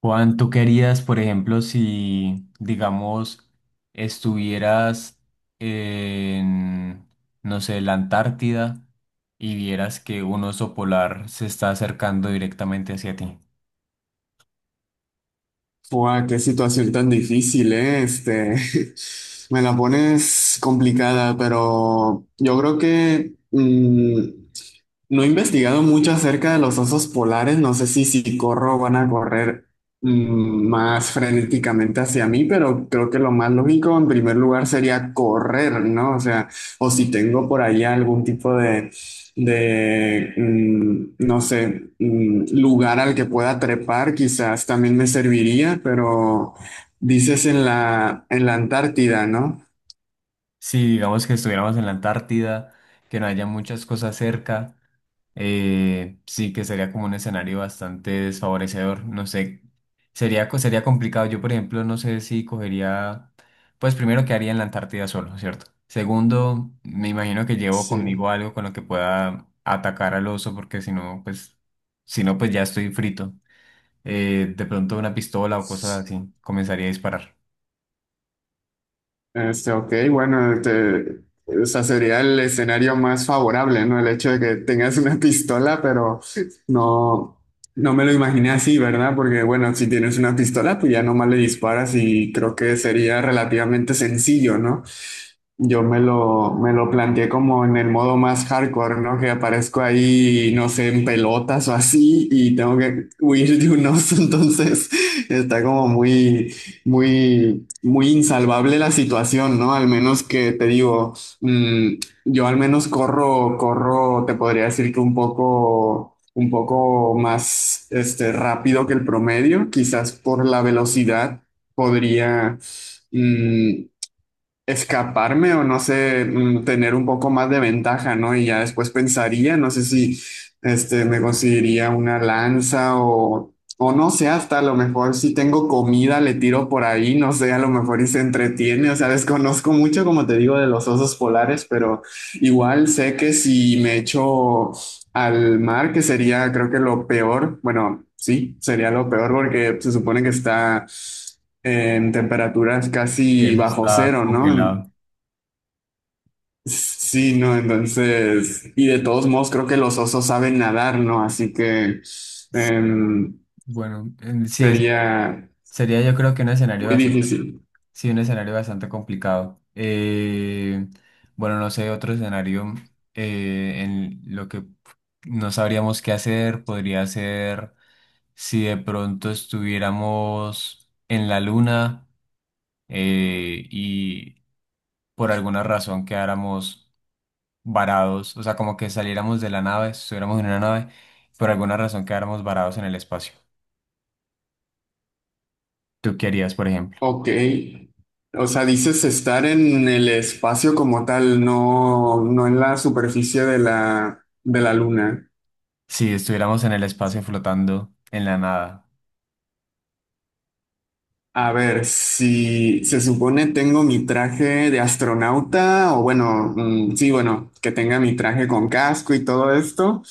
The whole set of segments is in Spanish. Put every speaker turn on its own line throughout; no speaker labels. Juan, ¿tú querías, por ejemplo, si, digamos, estuvieras en, no sé, la Antártida y vieras que un oso polar se está acercando directamente hacia ti?
Fua, qué situación tan difícil, ¿eh? Me la pones complicada, pero yo creo que no he investigado mucho acerca de los osos polares. No sé si corro van a correr más frenéticamente hacia mí, pero creo que lo más lógico en primer lugar sería correr, ¿no? O sea, o si tengo por allá algún tipo de, no sé, lugar al que pueda trepar, quizás también me serviría, pero dices en la Antártida, ¿no?
Si, digamos, que estuviéramos en la Antártida, que no haya muchas cosas cerca, sí que sería como un escenario bastante desfavorecedor. No sé, sería, sería complicado. Yo, por ejemplo, no sé si cogería, pues primero quedaría en la Antártida solo, ¿cierto? Segundo, me imagino que llevo
Sí.
conmigo algo con lo que pueda atacar al oso, porque si no, pues, si no, pues ya estoy frito. De pronto una pistola o cosas así, comenzaría a disparar.
Ok, bueno, o sea, sería el escenario más favorable, ¿no? El hecho de que tengas una pistola, pero no, no me lo imaginé así, ¿verdad? Porque, bueno, si tienes una pistola, pues ya nomás le disparas y creo que sería relativamente sencillo, ¿no? Yo me lo planteé como en el modo más hardcore, ¿no? Que aparezco ahí, no sé, en pelotas o así y tengo que huir de un oso, entonces está como muy, muy, muy insalvable la situación, ¿no? Al menos que te digo, mm, yo al menos corro, corro, te podría decir que un poco más, rápido que el promedio, quizás por la velocidad podría. Mm, Escaparme o no sé, tener un poco más de ventaja, ¿no? Y ya después pensaría, no sé si me conseguiría una lanza o no sé, hasta a lo mejor si tengo comida le tiro por ahí, no sé, a lo mejor y se entretiene. O sea, desconozco mucho, como te digo, de los osos polares, pero igual sé que si me echo al mar, que sería creo que lo peor, bueno, sí, sería lo peor porque se supone que está en temperaturas
Y
casi
eso
bajo
está
cero, ¿no?
congelado.
Sí, no, entonces, y de todos modos creo que los osos saben nadar, ¿no? Así que
Sí,
em,
bueno, sí,
sería
sería yo creo que un escenario
muy
bastante.
difícil.
Sí, un escenario bastante complicado. Bueno, no sé, otro escenario en lo que no sabríamos qué hacer podría ser si de pronto estuviéramos en la luna, y por alguna razón quedáramos varados, o sea, como que saliéramos de la nave, estuviéramos en una nave, por alguna razón quedáramos varados en el espacio. ¿Tú qué harías, por ejemplo?
Ok. O sea, dices estar en el espacio como tal, no, no en la superficie de la luna.
Si estuviéramos en el espacio flotando en la nada.
A ver, si se supone tengo mi traje de astronauta, o bueno, sí, bueno, que tenga mi traje con casco y todo esto,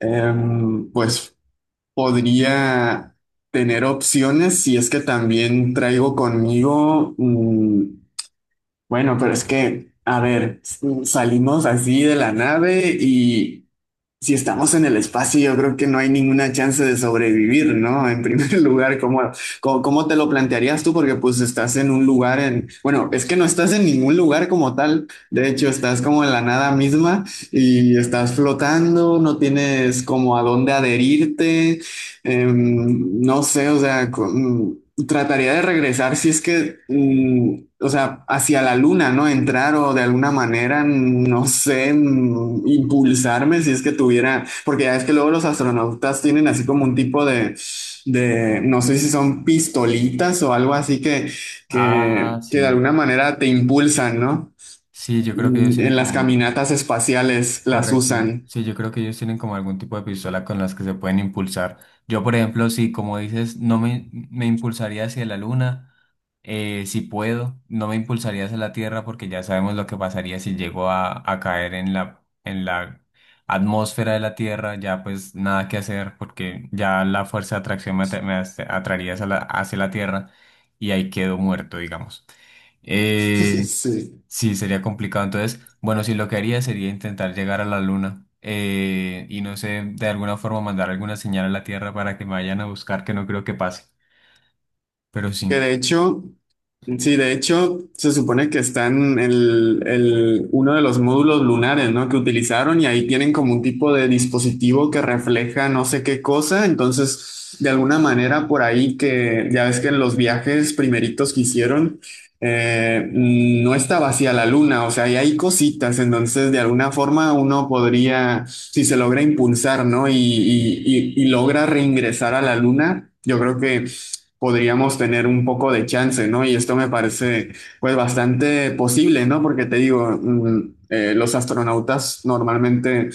pues podría tener opciones si es que también traigo conmigo, bueno, pero es que, a ver, salimos así de la nave y si estamos en el espacio, yo creo que no hay ninguna chance de sobrevivir, ¿no? En primer lugar, ¿cómo te lo plantearías tú? Porque pues estás en un lugar en, bueno, es que no estás en ningún lugar como tal, de hecho estás como en la nada misma y estás flotando, no tienes como a dónde adherirte. No sé, o sea, trataría de regresar si es que, o sea, hacia la luna, ¿no? Entrar o de alguna manera, no sé, impulsarme si es que tuviera, porque ya es que luego los astronautas tienen así como un tipo de, no sé si son pistolitas o algo así que,
Ah,
que
sí.
de alguna manera te impulsan, ¿no?
Sí, yo creo que ellos tienen
En las
como,
caminatas espaciales las
correcto,
usan.
sí, yo creo que ellos tienen como algún tipo de pistola con las que se pueden impulsar. Yo, por ejemplo, sí, como dices, no me, me impulsaría hacia la luna, si puedo, no me impulsaría hacia la Tierra porque ya sabemos lo que pasaría si llego a caer en la atmósfera de la Tierra, ya pues nada que hacer porque ya la fuerza de atracción atraería hacia la Tierra y ahí quedo muerto, digamos. Eh,
Sí.
Sí, sería complicado. Entonces, bueno, sí, lo que haría sería intentar llegar a la luna, y no sé, de alguna forma mandar alguna señal a la Tierra para que me vayan a buscar, que no creo que pase. Pero
Que
sí,
de hecho, sí, de hecho, se supone que están en uno de los módulos lunares, ¿no? Que utilizaron, y ahí tienen como un tipo de dispositivo que refleja no sé qué cosa. Entonces, de alguna manera, por ahí que ya ves que en los viajes primeritos que hicieron, no está vacía la luna, o sea, y hay cositas. Entonces, de alguna forma, uno podría, si se logra impulsar, ¿no? Y logra reingresar a la luna. Yo creo que podríamos tener un poco de chance, ¿no? Y esto me parece pues bastante posible, ¿no? Porque te digo, los astronautas normalmente,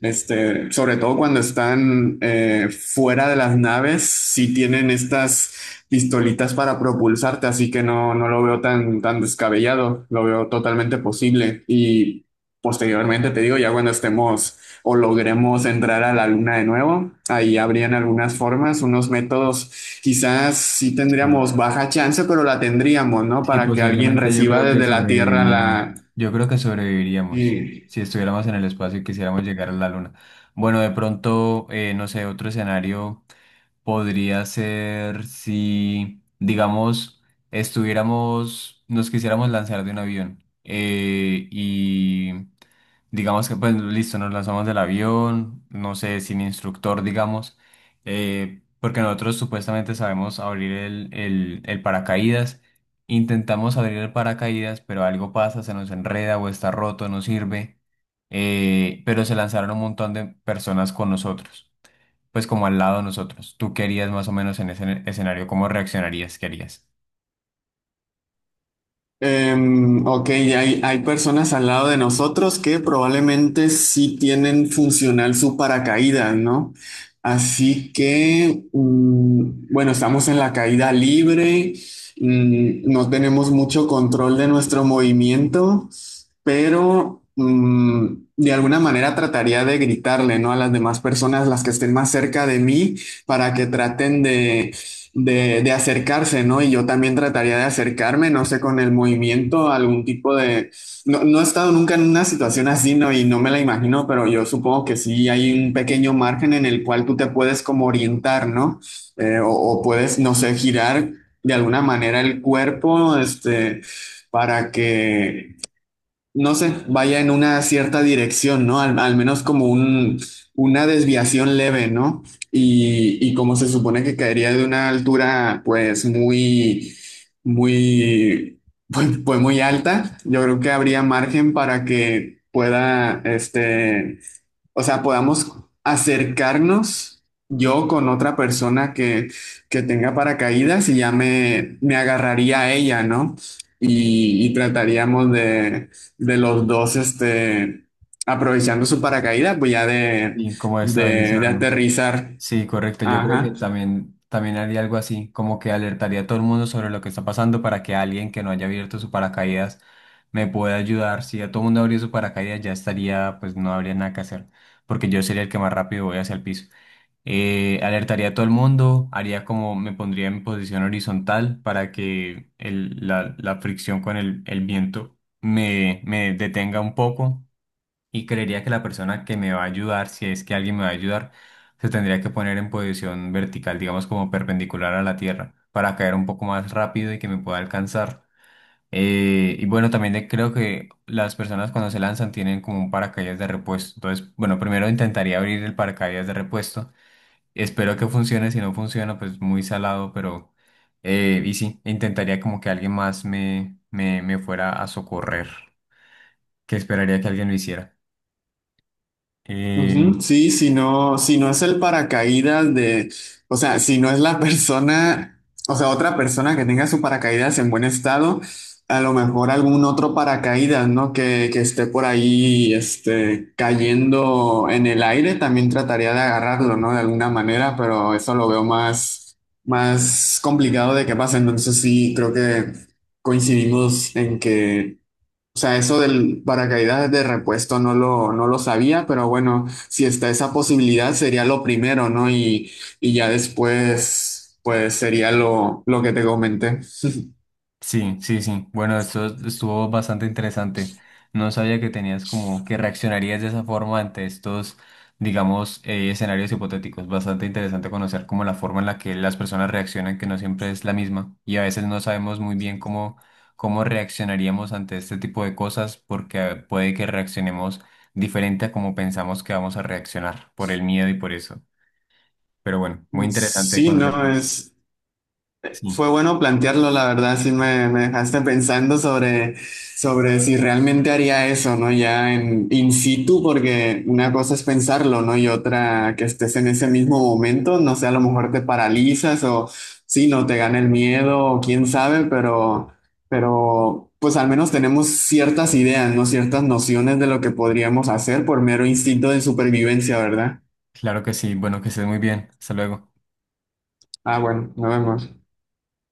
sobre todo cuando están fuera de las naves, sí tienen estas pistolitas para propulsarte, así que no lo veo tan, tan descabellado, lo veo totalmente posible. Y posteriormente, te digo, ya cuando estemos o logremos entrar a la luna de nuevo, ahí habrían algunas formas, unos métodos, quizás sí
sí,
tendríamos baja chance, pero la tendríamos, ¿no?
sí,
Para que alguien
posiblemente yo
reciba
creo que
desde la Tierra
sobreviviríamos.
la.
Yo creo que sobreviviríamos sí,
eh,
si estuviéramos en el espacio y quisiéramos llegar a la luna. Bueno, de pronto, no sé, otro escenario. Podría ser si, digamos, estuviéramos, nos quisiéramos lanzar de un avión, y digamos que pues listo, nos lanzamos del avión, no sé, sin instructor, digamos, porque nosotros supuestamente sabemos abrir el paracaídas, intentamos abrir el paracaídas, pero algo pasa, se nos enreda o está roto, no sirve, pero se lanzaron un montón de personas con nosotros pues como al lado de nosotros. ¿Tú qué harías más o menos en ese escenario? ¿Cómo reaccionarías? ¿Qué harías?
ok, hay personas al lado de nosotros que probablemente sí tienen funcional su paracaídas, ¿no? Así que, bueno, estamos en la caída libre, no tenemos mucho control de nuestro movimiento, pero de alguna manera trataría de gritarle, ¿no? A las demás personas, las que estén más cerca de mí, para que traten de acercarse, ¿no? Y yo también trataría de acercarme, no sé, con el movimiento, algún tipo de. No, no he estado nunca en una situación así, ¿no? Y no me la imagino, pero yo supongo que sí hay un pequeño margen en el cual tú te puedes como orientar, ¿no? O puedes, no sé, girar de alguna manera el cuerpo, para que no sé, vaya en una cierta dirección, ¿no? Al, al menos como una desviación leve, ¿no? Y como se supone que caería de una altura, pues muy, muy, pues muy alta, yo creo que habría margen para que pueda, o sea, podamos acercarnos yo con otra persona que tenga paracaídas, y ya me agarraría a ella, ¿no? Y trataríamos de los dos, aprovechando su paracaídas, pues ya de,
Y cómo
de
estabilizarnos.
aterrizar.
Sí, correcto. Yo creo que
Ajá.
también, también haría algo así, como que alertaría a todo el mundo sobre lo que está pasando para que alguien que no haya abierto su paracaídas me pueda ayudar. Si ya todo el mundo abrió su paracaídas, ya estaría, pues no habría nada que hacer, porque yo sería el que más rápido voy hacia el piso. Alertaría a todo el mundo, haría como me pondría en posición horizontal para que la, la fricción con el viento me detenga un poco y creería que la persona que me va a ayudar, si es que alguien me va a ayudar, se tendría que poner en posición vertical, digamos como perpendicular a la tierra, para caer un poco más rápido y que me pueda alcanzar. Y bueno, también creo que las personas cuando se lanzan tienen como un paracaídas de repuesto. Entonces, bueno, primero intentaría abrir el paracaídas de repuesto. Espero que funcione, si no funciona, pues muy salado, pero y sí, intentaría como que alguien más me fuera a socorrer, que esperaría que alguien lo hiciera. Eh,
Ujú, sí, si no, si no es el paracaídas de, o sea, si no es la persona, o sea, otra persona que tenga su paracaídas en buen estado, a lo mejor algún otro paracaídas, ¿no? Que esté por ahí, cayendo en el aire, también trataría de agarrarlo, ¿no? De alguna manera, pero eso lo veo más, más complicado de que pase. Entonces sí, creo que coincidimos en que, o sea, eso del paracaídas de repuesto no lo sabía, pero bueno, si está esa posibilidad sería lo primero, ¿no? Y ya después, pues sería lo que te comenté.
Sí, sí, sí. Bueno, esto estuvo bastante interesante. No sabía que tenías como que reaccionarías de esa forma ante estos, digamos, escenarios hipotéticos. Bastante interesante conocer como la forma en la que las personas reaccionan, que no siempre es la misma. Y a veces no sabemos muy bien cómo, cómo reaccionaríamos ante este tipo de cosas, porque puede que reaccionemos diferente a como pensamos que vamos a reaccionar por el miedo y por eso. Pero bueno, muy interesante
Sí, no
conocer. Sí.
es.
Sí,
Fue bueno plantearlo, la verdad, sí me dejaste pensando sobre si realmente haría eso, ¿no? Ya en in situ, porque una cosa es pensarlo, ¿no? Y otra que estés en ese mismo momento, no sé, a lo mejor te paralizas o sí, no te gana el miedo, o quién sabe, pero, pues al menos tenemos ciertas ideas, ¿no? Ciertas nociones de lo que podríamos hacer por mero instinto de supervivencia, ¿verdad?
claro que sí. Bueno, que estés muy bien. Hasta luego.
Ah, bueno, nos vemos.